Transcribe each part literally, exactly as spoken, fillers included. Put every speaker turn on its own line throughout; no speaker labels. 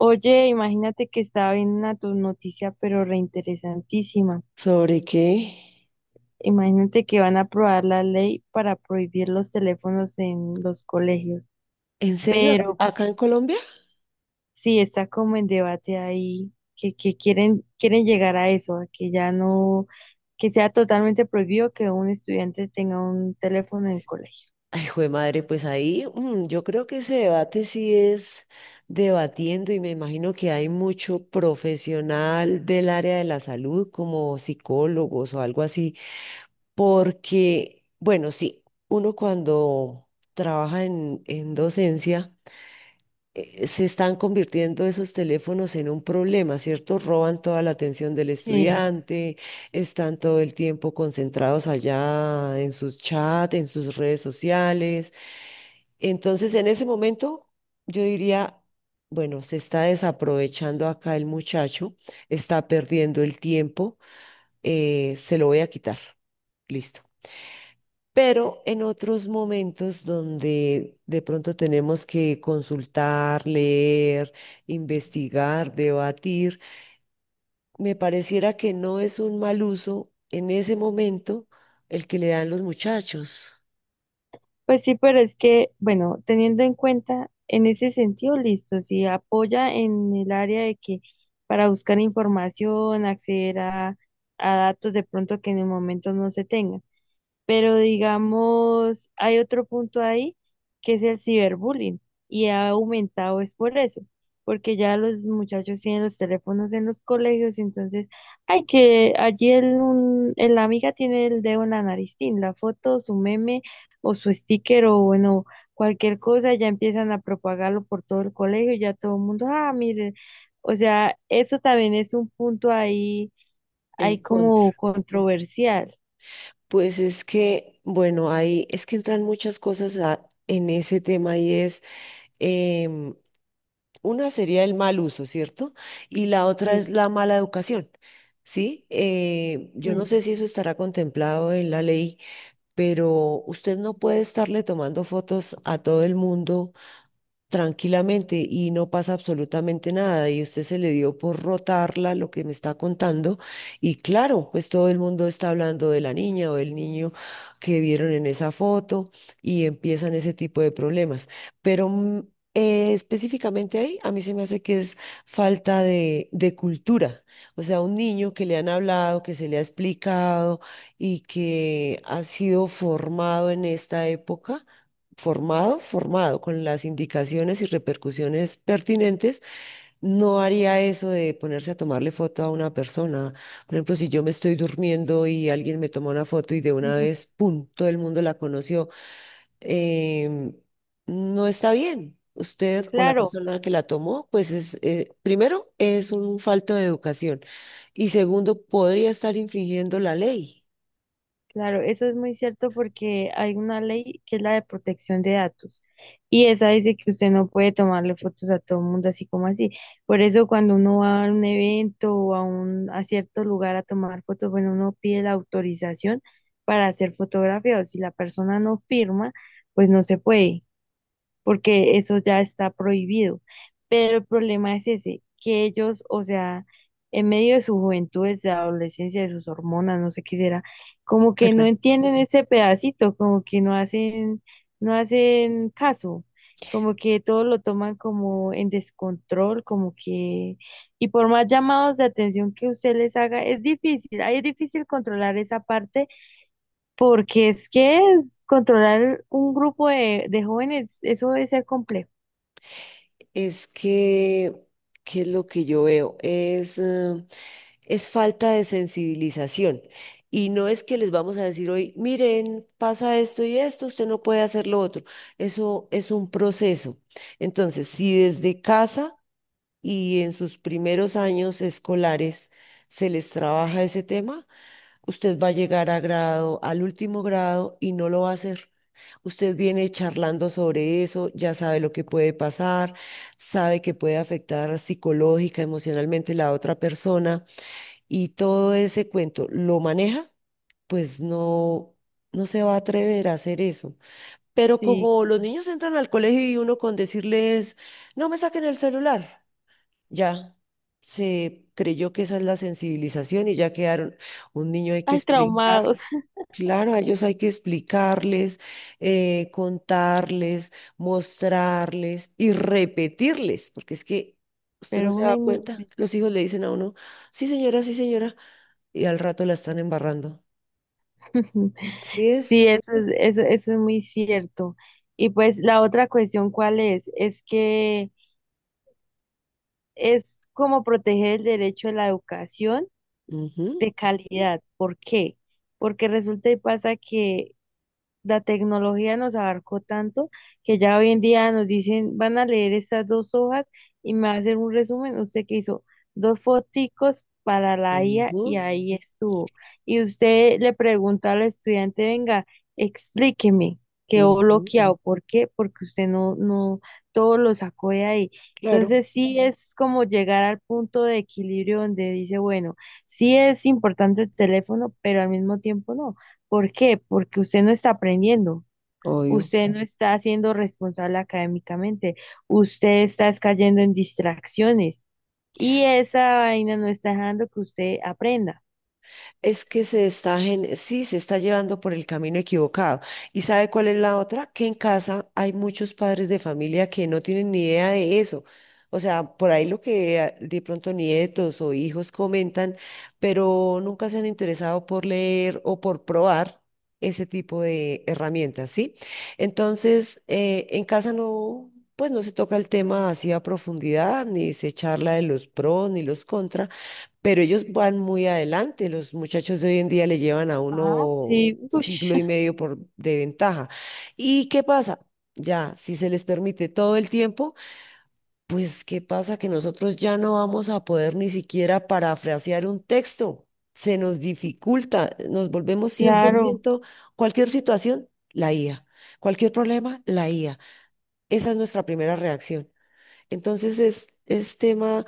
Oye, imagínate que estaba viendo una tu- noticia, pero reinteresantísima.
¿Sobre qué?
Imagínate que van a aprobar la ley para prohibir los teléfonos en los colegios.
¿En serio?
Pero pues,
¿Acá en Colombia?
sí, está como en debate ahí, que, que quieren, quieren llegar a eso, a que ya no, que sea totalmente prohibido que un estudiante tenga un teléfono en el colegio.
Ay, jue madre, pues ahí mm, yo creo que ese debate sí es debatiendo y me imagino que hay mucho profesional del área de la salud como psicólogos o algo así, porque, bueno, sí, uno cuando trabaja en, en docencia, eh, se están convirtiendo esos teléfonos en un problema, ¿cierto? Roban toda la atención del
Sí.
estudiante, están todo el tiempo concentrados allá en sus chats, en sus redes sociales. Entonces, en ese momento, yo diría, bueno, se está desaprovechando acá el muchacho, está perdiendo el tiempo, eh, se lo voy a quitar. Listo, pero en otros momentos donde de pronto tenemos que consultar, leer, investigar, debatir, me pareciera que no es un mal uso en ese momento el que le dan los muchachos
Pues sí, pero es que, bueno, teniendo en cuenta en ese sentido, listo, si apoya en el área de que para buscar información, acceder a, a datos de pronto que en el momento no se tengan. Pero digamos, hay otro punto ahí que es el ciberbullying y ha aumentado es por eso, porque ya los muchachos tienen los teléfonos en los colegios, entonces hay que allí el, un- el- la amiga tiene el dedo en la nariz, tin, la foto, su meme o su sticker o bueno, cualquier cosa, ya empiezan a propagarlo por todo el colegio, ya todo el mundo, ah, mire, o sea, eso también es un punto ahí,
en
ahí
contra.
como controversial,
Pues es que, bueno, ahí es que entran muchas cosas a- en ese tema y es. em, Una sería el mal uso, ¿cierto? Y la otra es
sí,
la mala educación, ¿sí? Eh, yo no
sí.
sé
Sí.
si eso estará contemplado en la ley, pero usted no puede estarle tomando fotos a todo el mundo tranquilamente y no pasa absolutamente nada. Y usted se le dio por rotarla lo que me está contando. Y claro, pues todo el mundo está hablando de la niña o del niño que vieron en esa foto y empiezan ese tipo de problemas. Pero mm, eh, específicamente ahí, a mí se me hace que es falta de, de cultura. O sea, un niño que le han hablado, que se le ha explicado y que ha sido formado en esta época formado, formado, con las indicaciones y repercusiones pertinentes, no haría eso de ponerse a tomarle foto a una persona. Por ejemplo, si yo me estoy durmiendo y alguien me toma una foto y de una
Ujú.
vez, ¡pum!, todo el mundo la conoció, em, no está bien. Usted o la
Claro,
persona que la tomó, pues es, eh, primero, es un falto de educación y segundo, podría estar infringiendo la ley.
claro, eso es muy cierto porque hay una ley que es la de protección de datos y esa dice que usted no puede tomarle fotos a todo el mundo así como así. Por eso cuando uno va a un evento o a un a cierto lugar a tomar fotos, bueno, uno pide la autorización para hacer ser fotografiado. Si la persona no firma, pues no se puede, porque eso ya está prohibido. Pero el problema es ese, que ellos, o sea, en medio de su juventud, de su adolescencia, de sus hormonas, no sé qué será, como que no entienden ese pedacito, como que no hacen, no hacen caso, como que todo lo toman como en descontrol, como que, y por más llamados de atención que usted les haga, es difícil, ahí es difícil controlar esa parte porque es que es- controlar un grupo de, de jóvenes, eso debe ser complejo.
Es que, ¿qué es lo que yo veo? Es, eh, es falta de sensibilización. Y no es que les vamos a decir hoy, miren, pasa esto y esto, usted no puede hacer lo otro. Eso es un proceso. Entonces, si desde casa y en sus primeros años escolares se les trabaja ese tema, usted va a llegar a grado, al último grado, y no lo va a hacer. Usted viene charlando sobre eso, ya sabe lo que puede pasar, sabe que puede afectar psicológica, emocionalmente la otra persona y todo ese cuento lo maneja, pues no, no se va a atrever a hacer eso. Pero
Sí,
como los niños entran al colegio y uno con decirles, no me saquen el celular, ya se creyó que esa es la sensibilización y ya quedaron. Un niño hay que
hay Sí,
explicar.
traumados,
Claro, a ellos hay que explicarles, eh, contarles, mostrarles y repetirles, porque es que usted no
pero
se
una
da
y mil
cuenta,
veces.
los hijos le dicen a uno, sí señora, sí señora, y al rato la están embarrando. Así es.
Sí, eso, es- eso, eso es muy cierto. Y pues la otra cuestión, ¿cuál es? Es que es como proteger el derecho a la educación
Ujú,
de calidad. ¿Por qué? Porque resulta y pasa que la tecnología nos abarcó tanto que ya hoy en día nos dicen, van a leer estas dos hojas y me va a hacer un resumen. Usted que hizo dos foticos para la I A y
ujú,
ahí estuvo. Y usted le pregunta al estudiante, venga, explíqueme, quedó
ujú.
bloqueado. ¿Por qué? Porque usted no, no, todo lo sacó de ahí.
Claro,
Entonces sí es como llegar al punto de equilibrio donde dice, bueno, sí es importante el teléfono, pero al mismo tiempo no. ¿Por qué? Porque usted no está aprendiendo,
obvio.
usted no está siendo responsable académicamente, usted está es cayendo en distracciones y esa vaina no está dejando que usted aprenda.
Es que se está, gen- sí, se está llevando por el camino equivocado. ¿Y sabe cuál es la otra? Que en casa hay muchos padres de familia que no tienen ni idea de eso. O sea, por ahí lo que ah, de pronto nietos o hijos comentan, pero nunca se han interesado por leer o por probar ese tipo de herramientas, ¿sí? Entonces, eh, en casa no, pues no se toca el tema así a profundidad, ni se charla de los pros ni los contras, pero ellos van muy adelante, los muchachos de hoy en día le llevan a
Ah,
uno
sí, ush,
siglo y medio por, de ventaja. ¿Y qué pasa? Ya, si se les permite todo el tiempo, pues ¿qué pasa? Que nosotros ya no vamos a poder ni siquiera parafrasear un texto. Se nos dificulta, nos volvemos cien por
claro,
ciento cualquier situación, la I A. Cualquier problema, la I A. Esa es nuestra primera reacción. Entonces es, es tema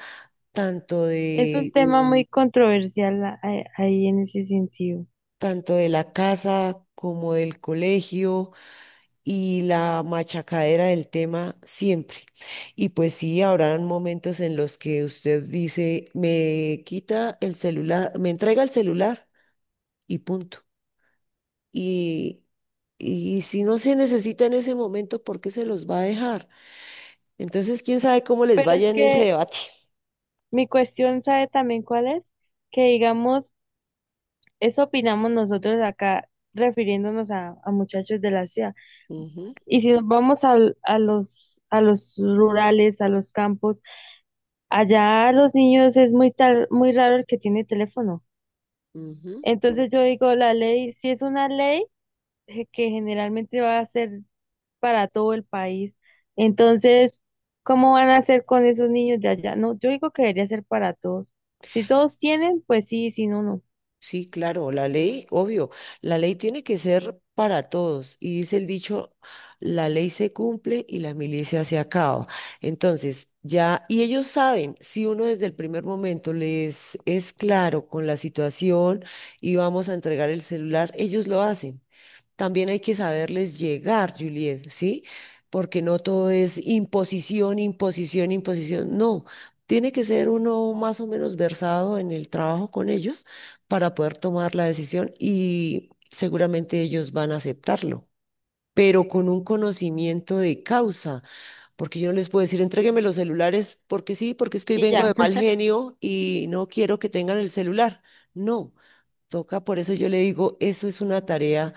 tanto
es un
de
tema muy controversial a- a- ahí en ese sentido.
tanto de la casa como del colegio y la machacadera del tema siempre. Y pues sí, habrán momentos en los que usted dice, me quita el celular, me entrega el celular y punto. Y, y si no se necesita en ese momento, ¿por qué se los va a dejar? Entonces, quién sabe cómo les
Pero es
vaya en ese
que
debate.
mi cuestión, ¿sabe también cuál es? Que digamos, eso opinamos nosotros acá refiriéndonos a a muchachos de la ciudad.
Ujú,
Y si nos vamos a a, los, a los rurales, a los campos, allá los niños es muy, tar- muy raro el que tiene teléfono.
ujú.
Entonces yo digo, la ley, si es una ley eh, que generalmente va a ser para todo el país, entonces, ¿cómo van a hacer con esos niños de allá? No, yo digo que debería ser para todos. Si todos tienen, pues sí, si no, no.
Sí, claro, la ley, obvio, la ley tiene que ser para todos. Y dice el dicho, la ley se cumple y la milicia se acaba. Entonces, ya, y ellos saben, si uno desde el primer momento les es claro con la situación y vamos a entregar el celular, ellos lo hacen. También hay que saberles llegar, Juliet, ¿sí? Porque no todo es imposición, imposición, imposición. No, tiene que ser uno más o menos versado en el trabajo con ellos para poder tomar la decisión y seguramente ellos van a aceptarlo, pero con un conocimiento de causa, porque yo no les puedo decir, entrégueme los celulares porque sí, porque es que hoy
Y
vengo
ya,
de mal genio y no quiero que tengan el celular. No, toca, por eso yo le digo, eso es una tarea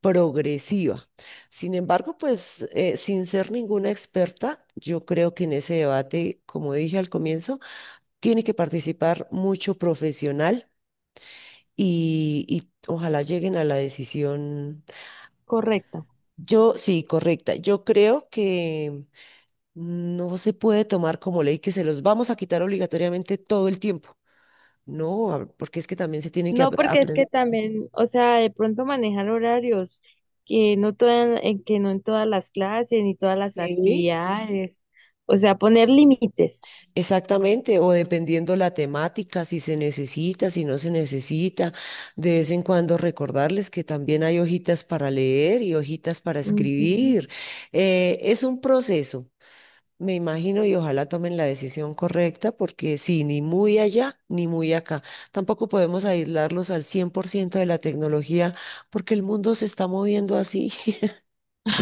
progresiva. Sin embargo, pues eh, sin ser ninguna experta, yo creo que en ese debate, como dije al comienzo, tiene que participar mucho profesional y, y ojalá lleguen a la decisión,
correcta.
yo sí, correcta. Yo creo que no se puede tomar como ley que se los vamos a quitar obligatoriamente todo el tiempo. No, a- porque es que también se tienen que
No, porque es
aprender.
que también, o sea, de pronto manejar horarios que no toda- en que no en todas las clases ni todas las actividades, o sea, poner límites.
Exactamente, o dependiendo la temática, si se necesita, si no se necesita, de vez en cuando recordarles que también hay hojitas para leer y hojitas para
Ujú.
escribir. Eh, es un proceso, me imagino, y ojalá tomen la decisión correcta, porque sí, ni muy allá ni muy acá. Tampoco podemos aislarlos al cien por ciento de la tecnología, porque el mundo se está moviendo así,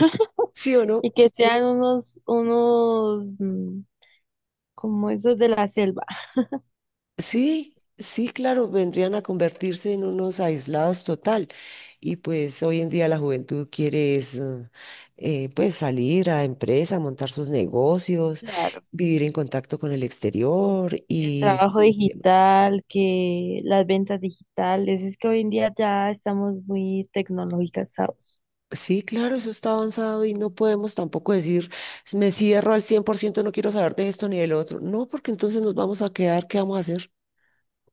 ¿sí o no?
Y que sean unos, unos mm, como esos de la selva.
Sí, sí, claro, vendrían a convertirse en unos aislados total. Y pues hoy en día la juventud quiere es, eh, eh, pues salir a empresa, montar sus negocios,
Claro,
vivir en contacto con el exterior
el
y
trabajo
eh,
digital, que las ventas digitales, es que hoy en día ya estamos muy tecnologizados.
sí, claro, eso está avanzado y no podemos tampoco decir, me cierro al cien por ciento, no quiero saber de esto ni del otro. No, porque entonces nos vamos a quedar, ¿qué vamos a hacer?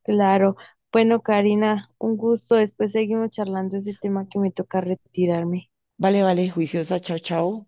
Claro. Bueno, Karina, un gusto. Después seguimos charlando ese tema que me toca retirarme.
Vale, vale, juiciosa, chao, chao.